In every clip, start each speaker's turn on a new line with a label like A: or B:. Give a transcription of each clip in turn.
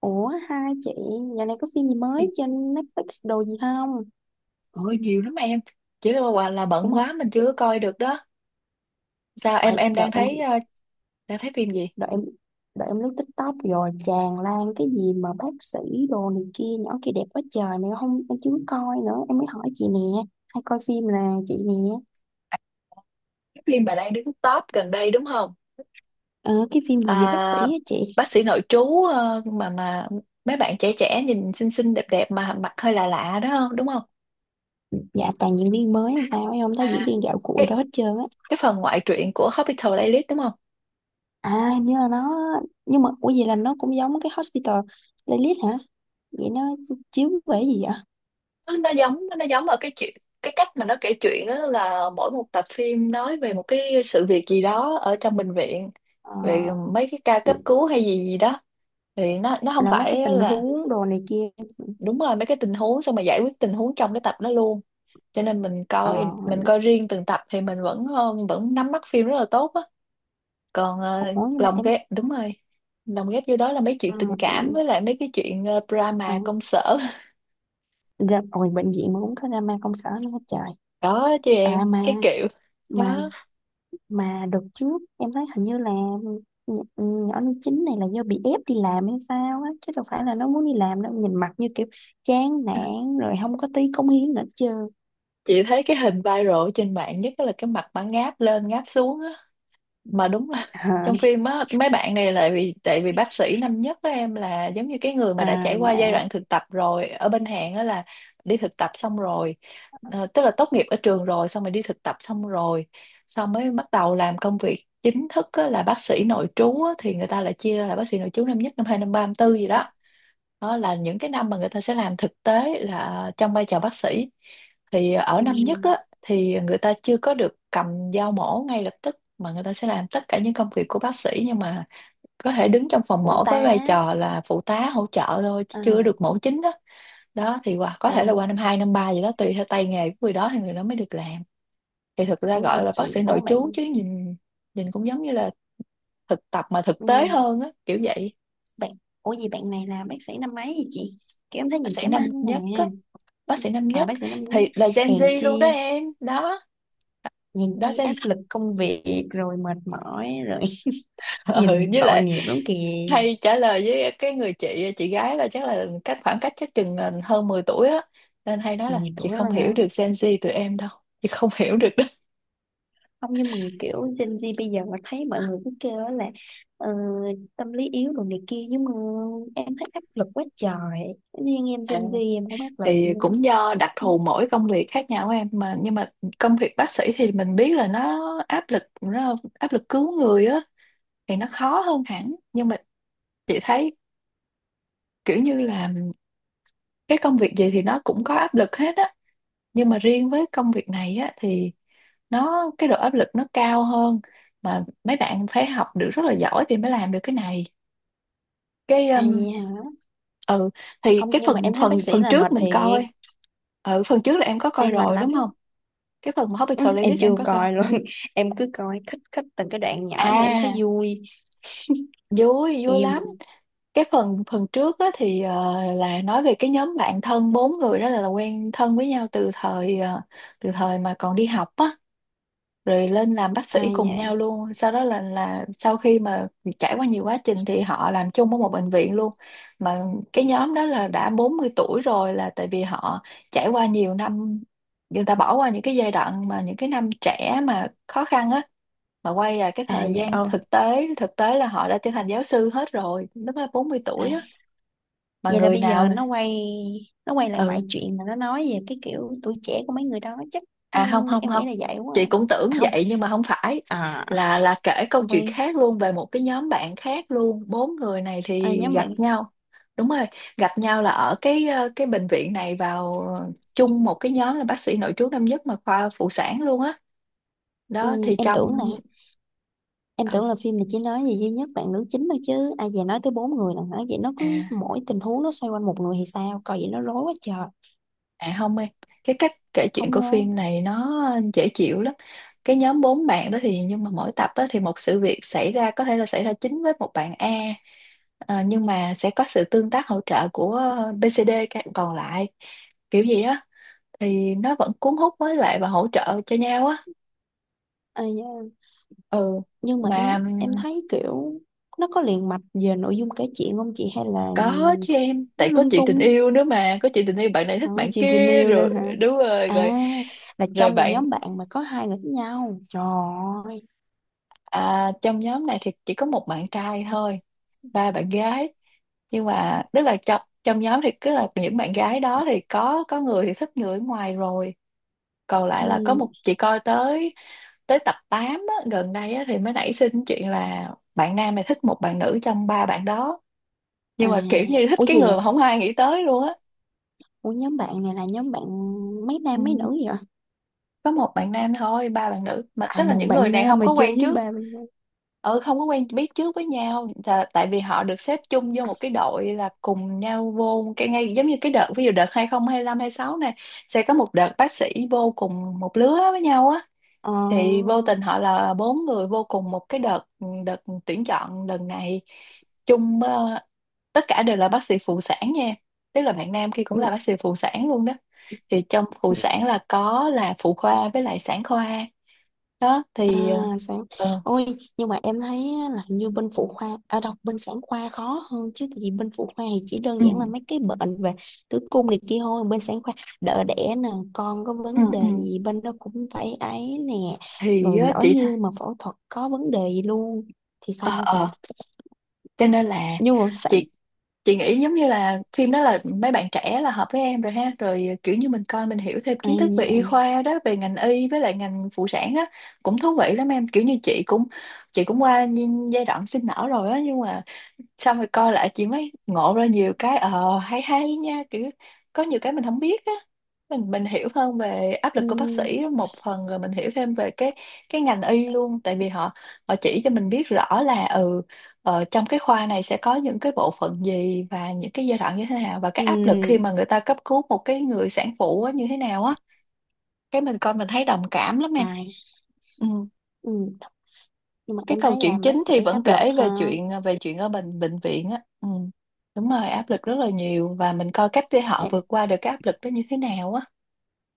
A: Ủa hai chị, dạo này có phim gì mới trên Netflix đồ gì không?
B: Ôi nhiều lắm em. Chỉ là, quả là
A: Đúng
B: bận
A: rồi.
B: quá mình chưa có coi được đó. Sao em em đang
A: Đợi em.
B: thấy đang thấy phim gì?
A: Đợi em Đợi em lướt TikTok rồi tràn lan cái gì mà bác sĩ đồ này kia. Nhỏ kia đẹp quá trời. Mà em không em chưa coi nữa. Em mới hỏi chị nè. Hay coi phim là chị nè.
B: Cái phim bà đang đứng top gần đây đúng không?
A: Ờ cái phim gì về bác sĩ
B: à,
A: á chị?
B: Bác sĩ nội trú, ờ, mà mấy bạn trẻ trẻ nhìn xinh xinh đẹp đẹp mà mặt hơi lạ lạ đó không đúng không?
A: Dạ toàn diễn viên mới hay sao? Em không thấy diễn
B: à
A: viên gạo cội
B: cái
A: đó hết trơn á.
B: cái phần ngoại truyện của Hospital Playlist đúng không?
A: À hình như là nó. Nhưng mà ủa vậy là nó cũng giống cái Hospital Playlist hả? Vậy nó chiếu về cái gì vậy?
B: Nó giống ở cái chuyện, cái cách mà nó kể chuyện đó là mỗi một tập phim nói về một cái sự việc gì đó ở trong bệnh viện,
A: Ờ
B: về mấy cái ca cấp cứu hay gì gì đó. Thì nó không
A: là mấy cái
B: phải
A: tình
B: là,
A: huống đồ này kia chị.
B: đúng rồi, mấy cái tình huống xong mà giải quyết tình huống trong cái tập đó luôn. Cho nên mình coi
A: ờ
B: mình coi riêng từng tập thì mình vẫn vẫn nắm bắt phim rất là tốt á. Còn
A: ủa nhưng mà
B: lồng
A: em.
B: ghép, đúng rồi, lồng ghép vô đó là mấy
A: ờ,
B: chuyện tình cảm với lại mấy cái chuyện
A: ờ,
B: drama công sở.
A: Ra rồi, bệnh viện mà cũng có drama công sở nữa hết trời.
B: Đó chứ
A: à
B: em,
A: mà
B: cái kiểu
A: mà
B: đó.
A: mà đợt trước em thấy hình như là nhỏ nó chính này là do bị ép đi làm hay sao á, chứ đâu phải là nó muốn đi làm đâu, nhìn mặt như kiểu chán nản rồi không có tí cống hiến nữa chứ.
B: Chị thấy cái hình viral ở trên mạng nhất là cái mặt mà ngáp lên ngáp xuống á, mà đúng là
A: à,
B: trong phim á, mấy bạn này lại vì tại vì bác sĩ năm nhất của em là giống như cái người mà đã
A: à,
B: trải qua giai
A: à,
B: đoạn thực tập rồi ở bên Hàn á, là đi thực tập xong rồi. Tức là tốt nghiệp ở trường rồi, xong rồi đi thực tập xong rồi, xong mới bắt đầu làm công việc chính thức á, là bác sĩ nội trú á, thì người ta lại chia ra là bác sĩ nội trú năm nhất, năm hai, năm ba, năm tư gì đó. Đó là những cái năm mà người ta sẽ làm thực tế là trong vai trò bác sĩ. Thì ở
A: ừ,
B: năm nhất á, thì người ta chưa có được cầm dao mổ ngay lập tức mà người ta sẽ làm tất cả những công việc của bác sĩ, nhưng mà có thể đứng trong phòng
A: Phụ
B: mổ
A: tá.
B: với vai trò là phụ tá hỗ trợ thôi chứ
A: à,
B: chưa được mổ chính đó. Đó thì qua, có thể là
A: Ủa.
B: qua năm 2 năm 3 gì đó tùy theo tay nghề của người đó thì người đó mới được làm. Thì thực ra
A: ủa
B: gọi
A: gì
B: là bác sĩ
A: chị ủa
B: nội
A: bạn.
B: trú chứ nhìn, nhìn cũng giống như là thực tập mà thực tế
A: ừ.
B: hơn á, kiểu vậy.
A: Bạn. Ủa gì bạn này là bác sĩ năm mấy vậy chị? Kiểu em thấy
B: Bác
A: nhìn
B: sĩ
A: chém ăn
B: năm nhất
A: nè.
B: á, bác sĩ năm
A: À
B: nhất
A: bác sĩ năm nhất.
B: thì là Gen
A: Hèn
B: Z luôn đó
A: chi.
B: em. Đó
A: Hèn
B: đó
A: chi
B: Gen
A: áp lực công việc rồi mệt mỏi rồi.
B: ừ,
A: Nhìn
B: với
A: tội
B: lại
A: nghiệp lắm kìa.
B: hay trả lời với cái người chị gái là chắc là khoảng cách chắc chừng hơn 10 tuổi á, nên hay nói là
A: Mười
B: chị
A: tuổi là
B: không
A: hả?
B: hiểu được Gen Z tụi em đâu, chị không hiểu được đó.
A: Không nhưng mà kiểu Gen Z bây giờ mà thấy mọi người cứ kêu á là ờ, tâm lý yếu đồ này kia, nhưng mà em thấy áp lực quá trời. Thế nên em
B: À,
A: Gen Z em không áp lực
B: thì
A: nữa.
B: cũng do đặc thù mỗi công việc khác nhau em, mà nhưng mà công việc bác sĩ thì mình biết là nó áp lực, nó áp lực cứu người á thì nó khó hơn hẳn. Nhưng mà chị thấy kiểu như là cái công việc gì thì nó cũng có áp lực hết á, nhưng mà riêng với công việc này á thì nó, cái độ áp lực nó cao hơn, mà mấy bạn phải học được rất là giỏi thì mới làm được cái này. Cái
A: Ai hả?
B: ừ, thì
A: Không
B: cái
A: nhưng mà
B: phần
A: em thấy
B: phần
A: bác sĩ
B: phần
A: là
B: trước
A: mệt
B: mình
A: thiệt.
B: coi, ừ, phần trước là em có
A: Sĩ
B: coi
A: mệt
B: rồi
A: lắm.
B: đúng không? Cái phần mà
A: Ừ,
B: Hospital
A: em
B: Playlist em
A: chưa
B: có coi,
A: coi luôn. Em cứ coi khích khích từng cái đoạn nhỏ mà em thấy
B: à
A: vui.
B: vui, vui lắm.
A: Em.
B: Cái phần phần trước á, thì là nói về cái nhóm bạn thân bốn người đó, là quen thân với nhau từ thời từ thời mà còn đi học á, rồi lên làm bác sĩ
A: Ai
B: cùng
A: nhà.
B: nhau luôn. Sau đó là sau khi mà trải qua nhiều quá trình thì họ làm chung ở một bệnh viện luôn, mà cái nhóm đó là đã 40 tuổi rồi, là tại vì họ trải qua nhiều năm, người ta bỏ qua những cái giai đoạn mà những cái năm trẻ mà khó khăn á, mà quay lại cái
A: Ai
B: thời
A: nhà
B: gian
A: ô.
B: thực tế, thực tế là họ đã trở thành giáo sư hết rồi, lúc đó 40
A: À,
B: tuổi á, mà
A: vậy là
B: người
A: bây
B: nào
A: giờ nó quay, nó quay lại
B: ừ,
A: mọi chuyện mà nó nói về cái kiểu tuổi trẻ của mấy người đó chắc. Ừ,
B: À không không
A: em nghĩ
B: không,
A: là vậy quá
B: chị cũng
A: à. À
B: tưởng
A: không.
B: vậy nhưng mà không phải,
A: À
B: là kể câu
A: không
B: chuyện
A: phải.
B: khác luôn về một cái nhóm bạn khác luôn, bốn người này
A: À,
B: thì
A: nhóm bạn.
B: gặp nhau, đúng rồi, gặp nhau là ở cái cái bệnh viện này, vào chung một cái nhóm là bác sĩ nội trú năm nhất mà khoa phụ sản luôn á.
A: Ừ,
B: Đó, thì
A: em tưởng nè.
B: trong,
A: Em
B: ừ,
A: tưởng là phim này chỉ nói về duy nhất bạn nữ chính thôi chứ. Ai à, về nói tới bốn người là hả? Vậy nó
B: à,
A: cứ mỗi tình huống nó xoay quanh một người thì sao coi, vậy nó rối quá trời.
B: À không em, cái cách kể chuyện
A: Không
B: của
A: ngon.
B: phim này nó dễ chịu lắm. Cái nhóm bốn bạn đó thì, nhưng mà mỗi tập đó thì một sự việc xảy ra có thể là xảy ra chính với một bạn A. Ờ, nhưng mà sẽ có sự tương tác hỗ trợ của BCD, các bạn còn lại, kiểu gì á thì nó vẫn cuốn hút với lại và hỗ trợ cho nhau á.
A: À, dạ.
B: Ừ,
A: nhưng mà em
B: mà
A: em thấy kiểu nó có liền mạch về nội dung kể chuyện không chị, hay là
B: có chứ em,
A: nó
B: tại có
A: lung
B: chuyện tình
A: tung?
B: yêu nữa mà, có chuyện tình yêu bạn này
A: À,
B: thích bạn
A: chị tình
B: kia
A: yêu nữa
B: rồi,
A: hả?
B: đúng rồi
A: À
B: rồi,
A: là
B: rồi
A: trong một
B: bạn.
A: nhóm bạn mà có hai người với nhau trời ơi.
B: À, trong nhóm này thì chỉ có một bạn trai thôi, ba bạn gái. Nhưng mà tức là trong trong nhóm thì cứ là những bạn gái đó thì có người thì thích người ở ngoài rồi. Còn lại là có
A: ừ,
B: một chị coi tới, tới tập 8 á, gần đây á, thì mới nảy sinh chuyện là bạn nam này thích một bạn nữ trong ba bạn đó.
A: à
B: Nhưng mà kiểu như thích
A: Ủa
B: cái
A: gì
B: người
A: là,
B: mà không ai nghĩ tới luôn á.
A: ủa nhóm bạn này là nhóm bạn mấy
B: Ừ.
A: nam mấy nữ vậy?
B: Có một bạn nam thôi, ba bạn nữ, mà
A: À
B: tức là
A: một
B: những người
A: bạn
B: này
A: nam
B: không
A: mà
B: có
A: chơi
B: quen
A: với
B: trước,
A: ba bạn nữ.
B: ừ, không có quen biết trước với nhau là tại vì họ được xếp chung vô một cái đội, là cùng nhau vô một cái ngay, giống như cái đợt, ví dụ đợt 2025 sáu này sẽ có một đợt bác sĩ vô cùng một lứa với nhau á,
A: ờ
B: thì vô tình họ là bốn người vô cùng một cái đợt đợt tuyển chọn lần này chung. Ờ, Tất cả đều là bác sĩ phụ sản nha, tức là bạn nam kia cũng là bác sĩ phụ sản luôn đó. Thì trong phụ
A: ừ,
B: sản là có là phụ khoa với lại sản khoa. Đó
A: À,
B: thì
A: sáng.
B: ờ,
A: Ôi, nhưng mà em thấy á, là hình như bên phụ khoa, à, đọc bên sản khoa khó hơn chứ, tại vì bên phụ khoa thì chỉ đơn
B: ừ
A: giản là mấy cái bệnh về tử cung này kia thôi, bên sản khoa đỡ đẻ nè, con có
B: ừ
A: vấn đề
B: ừ
A: gì bên đó cũng phải ấy nè,
B: thì
A: rồi lỡ
B: chị thấy,
A: như mà phẫu thuật có vấn đề gì luôn thì
B: ờ
A: sao chả.
B: ờ cho nên là
A: Nhưng mà sản.
B: chị chị nghĩ giống như là phim đó là mấy bạn trẻ là hợp với em rồi ha, rồi kiểu như mình coi mình hiểu thêm kiến
A: Ai
B: thức về y
A: nhỉ?
B: khoa đó, về ngành y với lại ngành phụ sản á, cũng thú vị lắm em, kiểu như chị cũng, chị cũng qua giai đoạn sinh nở rồi á, nhưng mà xong rồi coi lại chị mới ngộ ra nhiều cái hay hay nha, kiểu có nhiều cái mình không biết á, mình hiểu hơn về áp lực
A: Ừ,
B: của bác sĩ một phần, rồi mình hiểu thêm về cái ngành y luôn, tại vì họ, họ chỉ cho mình biết rõ là trong cái khoa này sẽ có những cái bộ phận gì và những cái giai đoạn như thế nào, và cái
A: ừ.
B: áp lực khi mà người ta cấp cứu một cái người sản phụ á, như thế nào á, cái mình coi mình thấy đồng cảm lắm em.
A: Ai.
B: Ừ.
A: Ừ. Nhưng mà
B: Cái
A: em
B: câu
A: thấy
B: chuyện
A: làm bác
B: chính thì
A: sĩ
B: vẫn
A: áp lực
B: kể về
A: ha.
B: chuyện về chuyện ở bệnh bệnh viện á. Ừ. Đúng rồi, áp lực rất là nhiều và mình coi cách để họ vượt qua được cái áp lực đó như thế nào á.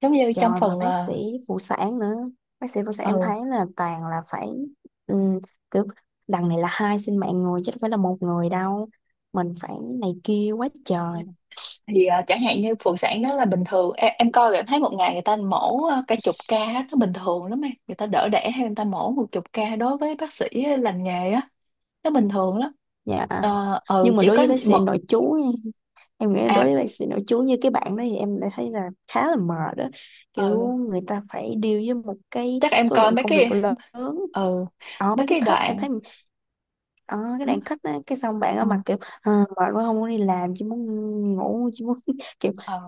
B: Giống như trong
A: Trời mà
B: phần
A: bác sĩ phụ sản nữa. Bác sĩ phụ sản
B: ừ,
A: em thấy là toàn là phải ừm, kiểu đằng này là hai sinh mạng người, chứ đâu phải là một người đâu. Mình phải này kia quá trời.
B: thì chẳng hạn như phụ sản đó là bình thường em coi rồi em thấy một ngày người ta mổ cả chục ca á, nó bình thường lắm em. Người ta đỡ đẻ hay người ta mổ một chục ca đối với bác sĩ lành nghề á, nó bình thường lắm.
A: Dạ. Nhưng mà
B: Chỉ
A: đối
B: có
A: với bác sĩ
B: một.
A: nội trú nha, em nghĩ đối
B: à
A: với bác sĩ nội trú như cái bạn đó thì em lại thấy là khá là mệt đó, kiểu
B: ừ,
A: người ta phải deal với một cái
B: Chắc em
A: số
B: coi
A: lượng
B: mấy
A: công việc
B: cái,
A: lớn.
B: ừ,
A: Ở
B: mấy
A: mấy cái
B: cái
A: khách em
B: đoạn
A: thấy, ở cái
B: đúng.
A: đoạn khách á cái xong bạn ở
B: ừ,
A: mặt kiểu "Ờ, mệt quá không muốn đi làm, chỉ muốn ngủ, chỉ muốn kiểu
B: ờ,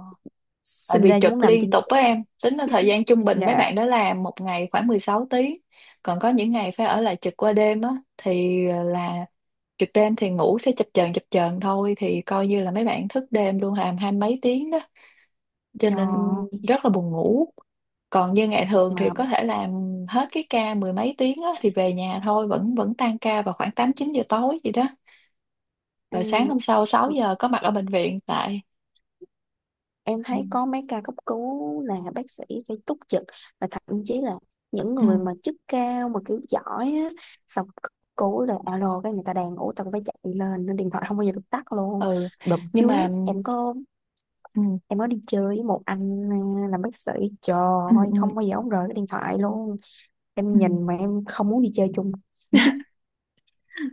B: Tại
A: sinh
B: vì
A: ra chỉ muốn
B: trực
A: nằm
B: liên
A: trên
B: tục,
A: giường."
B: với em tính là thời gian trung bình mấy bạn
A: Dạ.
B: đó làm một ngày khoảng 16 tiếng, còn có những ngày phải ở lại trực qua đêm á. Thì là trực đêm thì ngủ sẽ chập chờn thôi, thì coi như là mấy bạn thức đêm luôn, làm hai mấy tiếng đó, cho
A: Trời
B: nên
A: ơi,
B: rất là buồn ngủ. Còn như ngày thường thì
A: mà
B: có thể làm hết cái ca mười mấy tiếng á, thì về nhà thôi, vẫn vẫn tan ca vào khoảng 8 9 giờ tối gì đó. Rồi sáng
A: ừ,
B: hôm sau 6 giờ có mặt ở bệnh viện lại.
A: em
B: ừ
A: thấy có mấy ca cấp cứu là bác sĩ phải túc trực, và thậm chí là những người
B: ừ
A: mà chức cao mà kiểu giỏi á, xong cấp cứu là alo cái người ta đang ngủ tao phải chạy lên, nên điện thoại không bao giờ được tắt luôn.
B: ừ.
A: Đợt
B: Nhưng
A: trước
B: mà
A: em có
B: ừ
A: Em có đi chơi với một anh à, làm bác sĩ, trời
B: ừ
A: ơi
B: ừ,
A: không bao giờ ông rời cái điện thoại luôn.
B: ừ.
A: Em nhìn mà em không muốn đi chơi chung.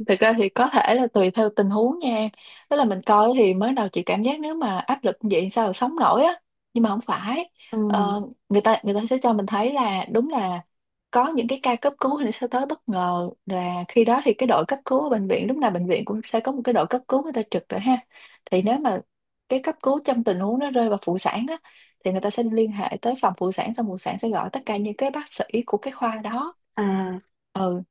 B: thực ra thì có thể là tùy theo tình huống nha em. Tức là mình coi thì mới đầu chị cảm giác nếu mà áp lực như vậy sao mà sống nổi á. Nhưng mà không phải.
A: ừ.
B: Ờ, Người ta, người ta sẽ cho mình thấy là đúng là có những cái ca cấp cứu thì nó sẽ tới bất ngờ, là khi đó thì cái đội cấp cứu ở bệnh viện, lúc nào bệnh viện cũng sẽ có một cái đội cấp cứu người ta trực rồi ha. Thì nếu mà cái cấp cứu trong tình huống nó rơi vào phụ sản á, thì người ta sẽ liên hệ tới phòng phụ sản, xong phụ sản sẽ gọi tất cả những cái bác sĩ của cái khoa đó.
A: à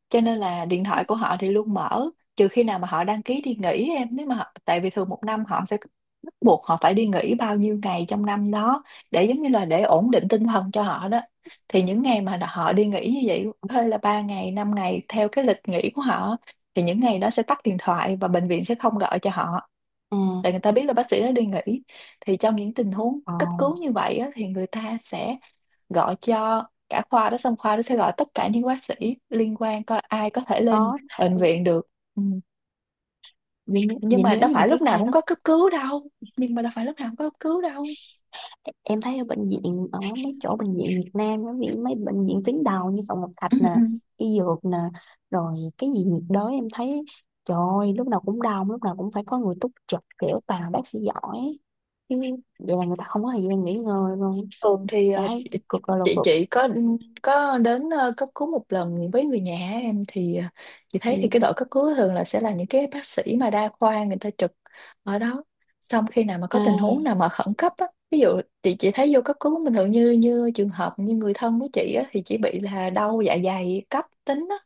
B: Cho nên là điện thoại của họ thì luôn mở, trừ khi nào mà họ đăng ký đi nghỉ em. Nếu mà họ, tại vì thường một năm họ sẽ bắt buộc họ phải đi nghỉ bao nhiêu ngày trong năm đó, để giống như là để ổn định tinh thần cho họ đó, thì những ngày mà họ đi nghỉ như vậy hơi là 3 ngày 5 ngày theo cái lịch nghỉ của họ, thì những ngày đó sẽ tắt điện thoại và bệnh viện sẽ không gọi cho họ,
A: à
B: tại người ta biết là bác sĩ đã đi nghỉ. Thì trong những tình huống cấp
A: Còn
B: cứu như vậy á, thì người ta sẽ gọi cho cả khoa đó, xong khoa đó sẽ gọi tất cả những bác sĩ liên quan coi ai có thể lên
A: có
B: bệnh
A: thể
B: viện được. Ừ.
A: vì,
B: Nhưng
A: vì
B: mà
A: nếu
B: đâu
A: như mà
B: phải
A: cái
B: lúc nào
A: khoa
B: cũng
A: đó
B: có cấp cứu đâu. Nhưng mà đâu phải lúc nào cũng có cấp cứu đâu.
A: em thấy ở bệnh viện, ở mấy chỗ bệnh viện Việt Nam á, ví dụ mấy bệnh viện tuyến đầu như Phạm Ngọc Thạch
B: ừ,
A: nè,
B: ừ.
A: y dược nè, rồi cái gì nhiệt đới em thấy trời ơi lúc nào cũng đông, lúc nào cũng phải có người túc trực kiểu toàn là bác sĩ giỏi chứ. Vậy là người ta không có thời gian nghỉ ngơi luôn.
B: Thường thì
A: Em thấy
B: chị
A: cực rồi là
B: chị
A: cực.
B: chị có đến cấp cứu một lần với người nhà em. Thì chị thấy thì cái
A: Ừ,
B: đội cấp cứu thường là sẽ là những cái bác sĩ mà đa khoa, người ta trực ở đó. Xong khi nào mà có tình huống
A: à,
B: nào mà khẩn cấp á, ví dụ chị thấy vô cấp cứu bình thường như như trường hợp như người thân của chị á thì chỉ bị là đau dạ dày cấp tính á,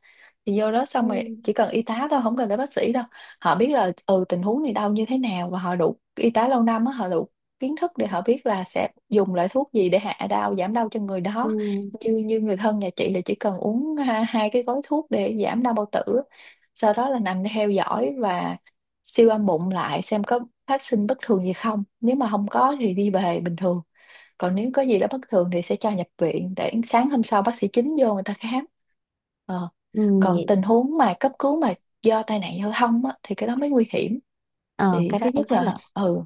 B: thì vô đó
A: ừ,
B: xong rồi chỉ cần y tá thôi, không cần tới bác sĩ đâu. Họ biết là ừ tình huống này đau như thế nào, và họ đủ y tá lâu năm á, họ đủ kiến thức để họ biết là sẽ dùng loại thuốc gì để hạ đau giảm đau cho người
A: ừ,
B: đó. Như như người thân nhà chị là chỉ cần uống hai cái gói thuốc để giảm đau bao tử, sau đó là nằm theo dõi và siêu âm bụng lại xem có phát sinh bất thường gì không. Nếu mà không có thì đi về bình thường, còn nếu có gì đó bất thường thì sẽ cho nhập viện để sáng hôm sau bác sĩ chính vô người ta khám. Ờ.
A: ừ,
B: Còn
A: vậy.
B: tình huống mà cấp cứu mà do tai nạn giao thông á, thì cái đó mới nguy hiểm.
A: Ờ,
B: Thì
A: cái
B: thứ
A: đó em
B: nhất
A: thấy là
B: là ừ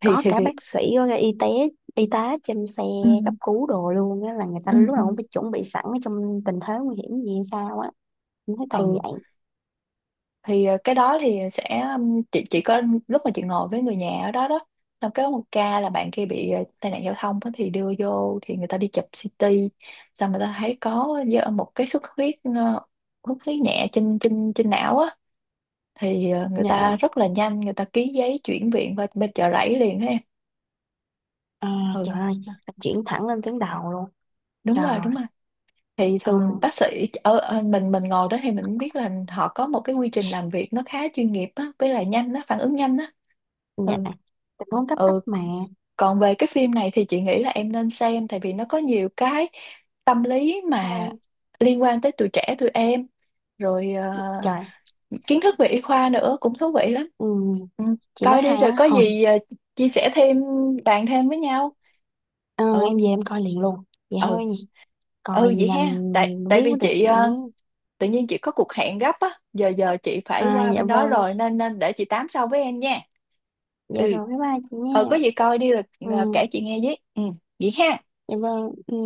A: có cả
B: thì
A: bác sĩ có cả y tế, y tá trên xe
B: ừ.
A: cấp cứu đồ luôn á, là người ta
B: ừ
A: lúc
B: ừ
A: nào cũng phải chuẩn bị sẵn ở trong tình thế nguy hiểm gì hay sao á. Mình thấy toàn
B: ừ
A: vậy.
B: thì cái đó thì sẽ chị chỉ có lúc mà chị ngồi với người nhà ở đó đó, xong cái có một ca là bạn kia bị tai nạn giao thông á, thì đưa vô thì người ta đi chụp CT, xong người ta thấy có do một cái xuất huyết xuất huyết nhẹ trên trên trên não á. Thì người
A: Dạ.
B: ta rất là nhanh, người ta ký giấy chuyển viện qua bên chợ rẫy liền đó em.
A: À,
B: ừ
A: trời ơi.
B: à,
A: Chuyển thẳng lên tuyến đầu luôn.
B: Đúng
A: Trời.
B: rồi, đúng rồi. Thì
A: À,
B: thường bác sĩ ở, ở mình ngồi đó thì mình biết là họ có một cái quy trình làm việc nó khá chuyên nghiệp á, với lại nhanh á, phản ứng nhanh á.
A: dạ.
B: ừ
A: Tình huống cấp bách
B: ừ
A: mà.
B: Còn về cái phim này thì chị nghĩ là em nên xem, tại vì nó có nhiều cái tâm lý mà
A: Hai.
B: liên quan tới tuổi trẻ tụi em, rồi
A: Trời.
B: kiến thức về y khoa nữa cũng thú vị lắm.
A: Ừ,
B: Ừ,
A: chị nói
B: coi đi
A: hay
B: rồi
A: quá
B: có
A: thôi.
B: gì chia sẻ thêm, bàn thêm với nhau.
A: Ờ, em
B: ừ
A: về em coi liền luôn. Vậy
B: ừ
A: thôi nhỉ. Coi
B: Vậy
A: nhanh.
B: ha, tại tại
A: Biết
B: vì
A: mới được
B: chị
A: nhé.
B: ờ, tự nhiên chị có cuộc hẹn gấp á, giờ giờ chị phải
A: À
B: qua
A: dạ
B: bên đó
A: vâng.
B: rồi, nên nên để chị tám sau với em nha.
A: Dạ
B: Ừ,
A: rồi bye bye chị
B: ờ có
A: nha.
B: gì coi đi rồi à,
A: Ừ
B: kể chị nghe với. Ừ vậy ha.
A: dạ vâng ừ.